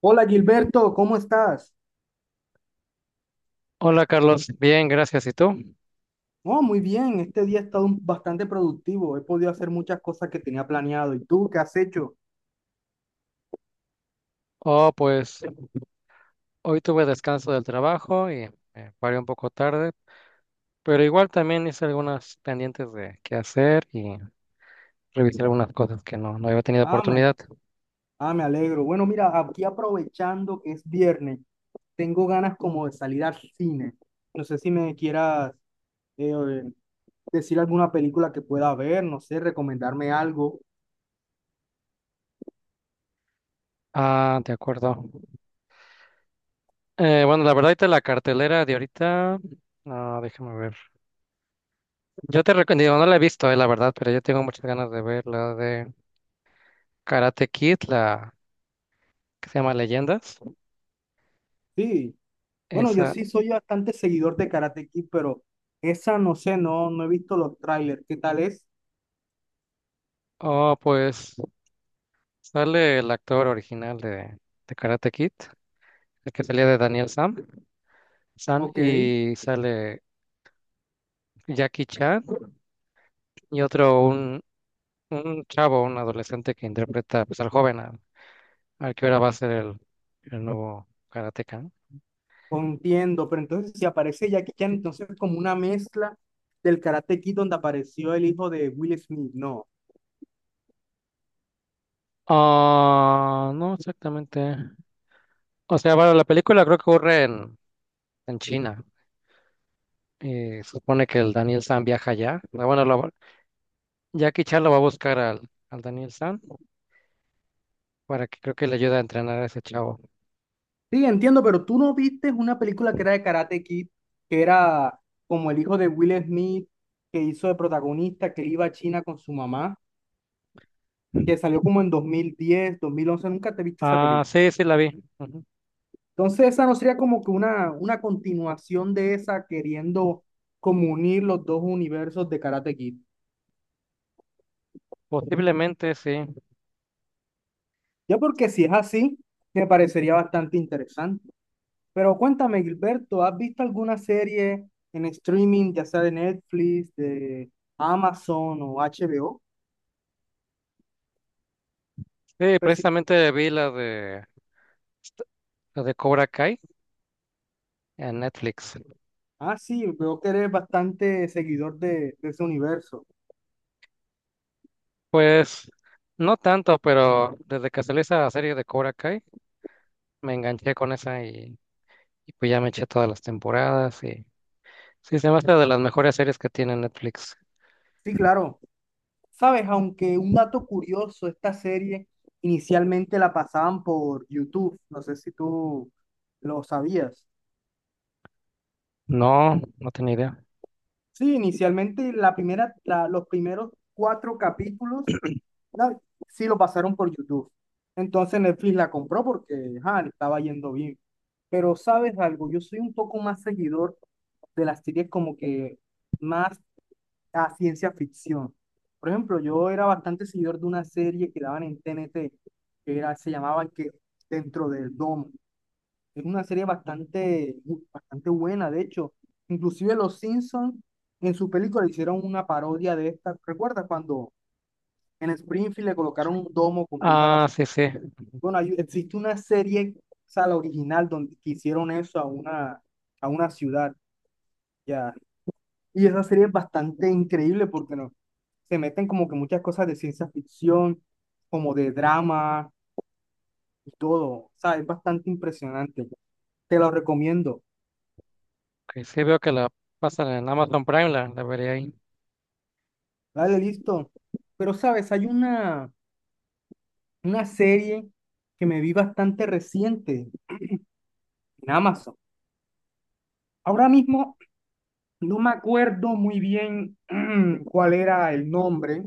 Hola Gilberto, ¿cómo estás? Hola Carlos, bien, gracias. ¿Y tú? Oh, muy bien, este día ha estado bastante productivo, he podido hacer muchas cosas que tenía planeado. ¿Y tú qué has hecho? Oh, pues hoy tuve descanso del trabajo y me paré un poco tarde, pero igual también hice algunas pendientes de qué hacer y revisé algunas cosas que no había tenido Ah, me, oportunidad. Me alegro. Bueno, mira, aquí aprovechando que es viernes, tengo ganas como de salir al cine. No sé si me quieras eh, decir alguna película que pueda ver, no sé, recomendarme algo. Ah, de acuerdo. Bueno, la verdad, ahorita la cartelera de ahorita, no, déjame ver. Yo te recomiendo, no la he visto, la verdad, pero yo tengo muchas ganas de ver la de Karate Kid, la que se llama Leyendas. Sí, bueno, yo Esa, sí soy bastante seguidor de Karate Kid, pero esa no sé, no he visto los trailers. ¿Qué tal es? oh, pues. Sale el actor original de Karate Kid, el que salía de Daniel Sam, San, Ok. y sale Jackie Chan y otro, un chavo, un adolescente que interpreta pues, al joven, al, al que ahora va a ser el nuevo karateka, ¿no? No entiendo, pero entonces si aparece Jackie Chan, entonces es como una mezcla del Karate Kid donde apareció el hijo de Will Smith, no. Ah, no exactamente. O sea, bueno, la película creo que ocurre en China y supone que el Daniel San viaja allá. Ah, bueno, Jackie Chan lo va a buscar al Daniel San para que creo que le ayude a entrenar a ese chavo. Sí, entiendo, pero tú no viste una película que era de Karate Kid, que era como el hijo de Will Smith, que hizo de protagonista, que iba a China con su mamá, que salió como en 2010, 2011. ¿Nunca te viste esa Ah, película? sí, sí la vi. Ujú. Entonces esa no sería como que una continuación de esa, queriendo como unir los dos universos de Karate Kid. Posiblemente, sí. Ya, porque si es así, me parecería bastante interesante. Pero cuéntame, Gilberto, ¿has visto alguna serie en streaming, ya sea de Netflix, de Amazon o HBO? Sí, Pues sí. precisamente la de Cobra Kai en Netflix. Ah, sí, veo que eres bastante seguidor de ese universo. Pues no tanto, pero desde que salió esa serie de Cobra Kai, me enganché con esa y pues ya me eché todas las temporadas y sí, se me hace de las mejores series que tiene Netflix. Sí, claro. Sabes, aunque un dato curioso, esta serie inicialmente la pasaban por YouTube. No sé si tú lo sabías. No, no tenía idea. Sí, inicialmente los primeros 4 capítulos Una- sí lo pasaron por YouTube. Entonces Netflix la compró porque ajá, le estaba yendo bien. Pero sabes algo, yo soy un poco más seguidor de las series como que más a ciencia ficción. Por ejemplo, yo era bastante seguidor de una serie que daban en TNT, se llamaba que Dentro del Domo. Es una serie bastante, bastante buena, de hecho. Inclusive los Simpsons en su película hicieron una parodia de esta. ¿Recuerdas cuando en Springfield le colocaron un domo completo a la Ah, sí, ciudad? sí. Bueno, existe una serie, o sea, la original, donde que hicieron eso a una ciudad, ya. Y esa serie es bastante increíble porque no, se meten como que muchas cosas de ciencia ficción, como de drama y todo. O sea, es bastante impresionante. Te lo recomiendo. Ok, sí veo que la pasan en Amazon Prime, la veré ahí. Dale, listo. Pero, ¿sabes? Hay una serie que me vi bastante reciente en Amazon. Ahora mismo no me acuerdo muy bien, cuál era el nombre,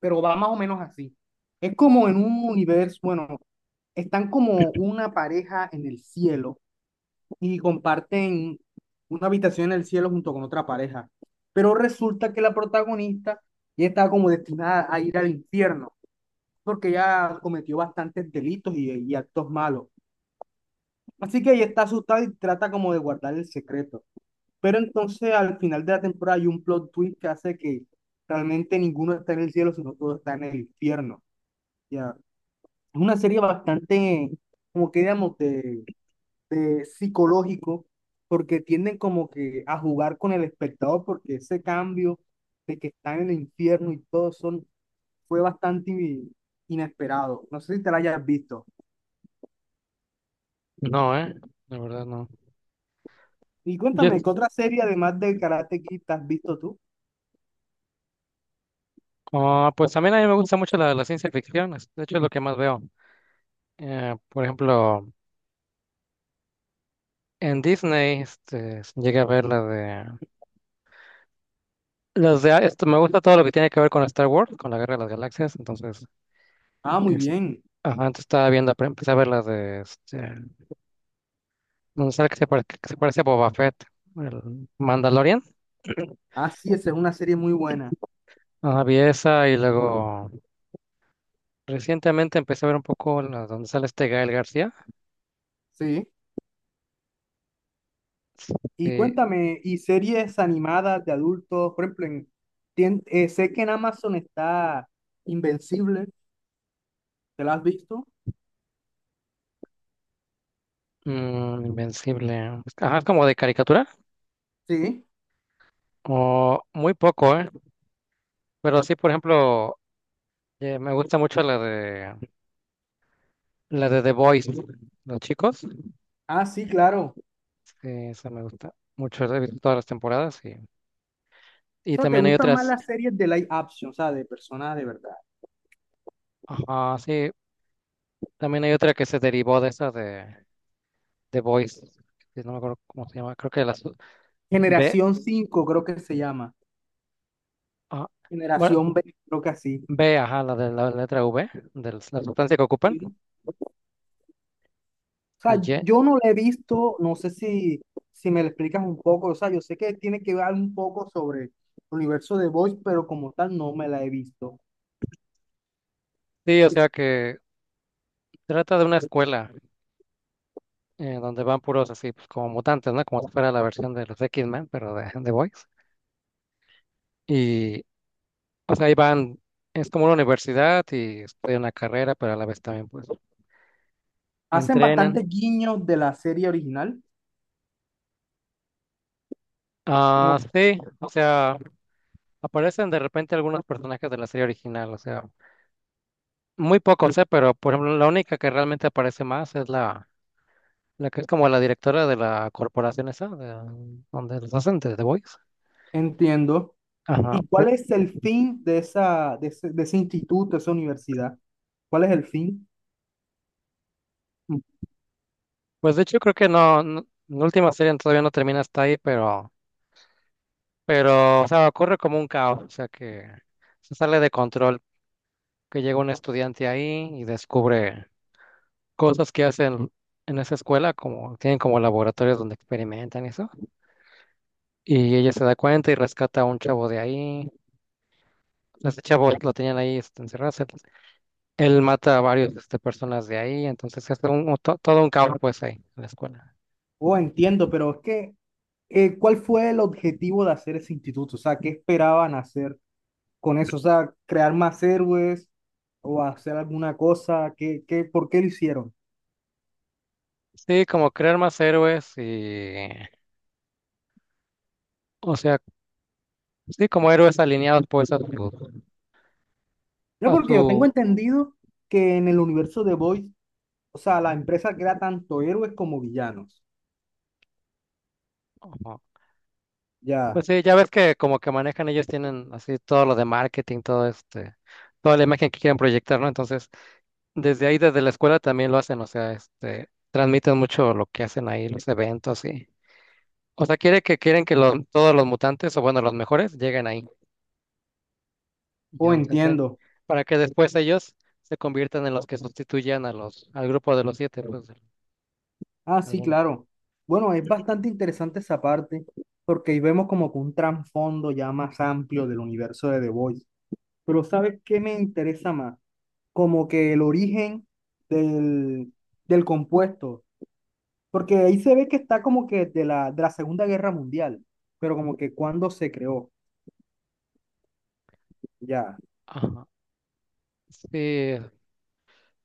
pero va más o menos así. Es como en un universo, bueno, están como una pareja en el cielo y comparten una habitación en el cielo junto con otra pareja. Pero resulta que la protagonista ya está como destinada a ir al infierno porque ya cometió bastantes delitos y actos malos. Así que ella está asustada y trata como de guardar el secreto. Pero entonces al final de la temporada hay un plot twist que hace que realmente ninguno está en el cielo, sino todo está en el infierno. Ya. Es una serie bastante, como que digamos, de psicológico, porque tienden como que a jugar con el espectador, porque ese cambio de que están en el infierno y todo son, fue bastante inesperado. No sé si te la hayas visto. No, la verdad no. Y Yo cuéntame, ¿qué otra serie además del Karate Kid te has visto tú? ah, pues también a mí me gusta mucho la ciencia ficción, de hecho es lo que más veo. Por ejemplo, en Disney este, llegué a ver la de... Las de esto, me gusta todo lo que tiene que ver con Star Wars, con la Guerra de las Galaxias, entonces... Ah, muy es- bien. ajá, antes estaba viendo, pero empecé a ver las de... Este, donde sale que se parece a Boba Fett, el Mandalorian. Ah, sí, esa es una serie muy buena. Ajá, vi esa y luego recientemente empecé a ver un poco la, donde sale este Gael García. Sí. Y eh, cuéntame, ¿y series animadas de adultos? Por ejemplo, en, sé que en Amazon está Invencible, ¿te la has visto? Invencible. Ajá, es como de caricatura. Sí. O muy poco, ¿eh? Pero sí, por ejemplo, me gusta mucho la de The Boys, los chicos. Ah, sí, claro. Sí, esa me gusta mucho. He visto todas las temporadas O y sea, ¿te también hay gustan más otras. las series de live action, o sea, de personas de verdad? Ajá, sí. También hay otra que se derivó de esa de The Boys, que no me acuerdo cómo se llama. Creo que la su- B. Generación cinco creo que se llama. Ah, bueno, Generación B, creo que así. B, ajá, la de la letra V, de la sustancia que ocupan. Sí. O Y sea, Ye- yo no la he visto, no sé si, si me lo explicas un poco, o sea, yo sé que tiene que ver un poco sobre el universo de Voice, pero como tal no me la he visto. Sí, o sea que trata de una escuela. Donde van puros así, pues como mutantes, ¿no? Como si fuera la versión de los X-Men, pero de The Boys. Y o sea, ahí van, es como una universidad y estudian la carrera, pero a la vez también pues Hacen entrenan. bastantes guiños de la serie original, Ah, como sí, o sea, aparecen de repente algunos personajes de la serie original, o sea, muy pocos, ¿eh? Pero, por ejemplo, la única que realmente aparece más es la que es como la directora de la corporación esa, donde los hacen de The Boys. entiendo. Ajá. ¿Y cuál es el fin de esa, de ese instituto, de esa universidad? ¿Cuál es el fin? Pues de hecho creo que la última serie todavía no termina hasta ahí, pero o sea, ocurre como un caos, o sea, que se sale de control, que llega un estudiante ahí y descubre cosas que hacen en esa escuela, como tienen como laboratorios donde experimentan y eso. Y ella se da cuenta y rescata a un chavo de ahí. Ese chavo lo tenían ahí este, encerrado. Él mata a varios este, personas de ahí, entonces es todo un caos pues ahí en la escuela. Oh, entiendo, pero es que, ¿cuál fue el objetivo de hacer ese instituto? O sea, ¿qué esperaban hacer con eso? O sea, ¿crear más héroes o hacer alguna cosa? Por qué lo hicieron? Sí, como crear más héroes y, o sea, sí, como héroes alineados pues Yo a porque yo tengo su, entendido que en el universo de Boys, o sea, la empresa crea tanto héroes como villanos. Ya, Pues sí, ya ves que como que manejan ellos tienen así todo lo de marketing, todo este, toda la imagen que quieren proyectar, ¿no? Entonces, desde ahí, desde la escuela también lo hacen, o sea, este, transmiten mucho lo que hacen ahí, los eventos y, o sea, quieren que los, todos los mutantes, o bueno, los mejores, lleguen ahí, oh, ya los entrenan, entiendo. para que después ellos se conviertan en los que sustituyan a los, al grupo de los siete, pues, Ah, sí, alguno. claro. Bueno, es bastante interesante esa parte, porque ahí vemos como que un trasfondo ya más amplio del universo de The Voice. Pero ¿sabes qué me interesa más? Como que el origen del, del compuesto, porque ahí se ve que está como que de la Segunda Guerra Mundial, pero como que cuando se creó, ya. Ajá. Sí,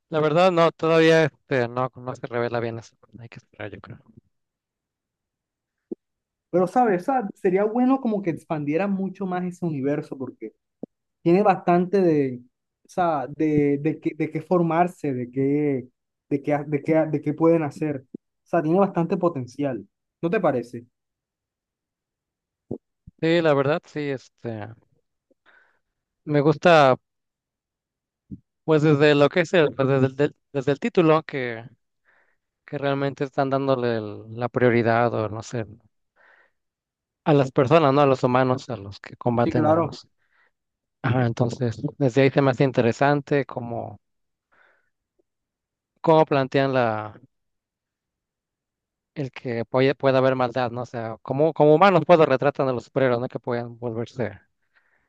la verdad no, todavía este, no se revela bien eso, hay que esperar, yo creo. Pero, ¿sabes? O sea, sería bueno como que expandieran mucho más ese universo, porque tiene bastante de, o sea, de, de qué formarse, de qué pueden hacer. O sea, tiene bastante potencial. ¿No te parece? Sí, la verdad, sí, este, me gusta, pues desde lo que es el, pues, desde el título, que realmente están dándole la prioridad, o no sé, a las personas, ¿no? A los humanos, a los que Sí, combaten a claro. los. Ajá, entonces, desde ahí se me hace interesante cómo, cómo plantean la, el que pueda haber maldad, ¿no? O sea, como, como humanos, puedo retratan a los superhéroes, ¿no? Que pueden volverse.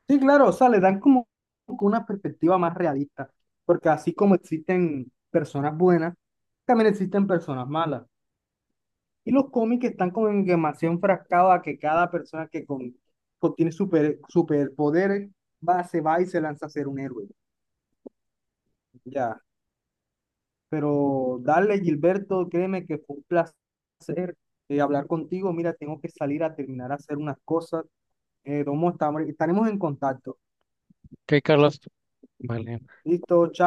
Sí, claro, o sea, le dan como una perspectiva más realista, porque así como existen personas buenas, también existen personas malas. Y los cómics están como en demasiado enfrascados a que cada persona que contiene superpoderes se va y se lanza a ser un héroe. Ya. Pero dale, Gilberto, créeme que fue un placer hablar contigo. Mira, tengo que salir a terminar a hacer unas cosas. Domo, estaremos en contacto. Ok, Carlos, vale. Listo, chao.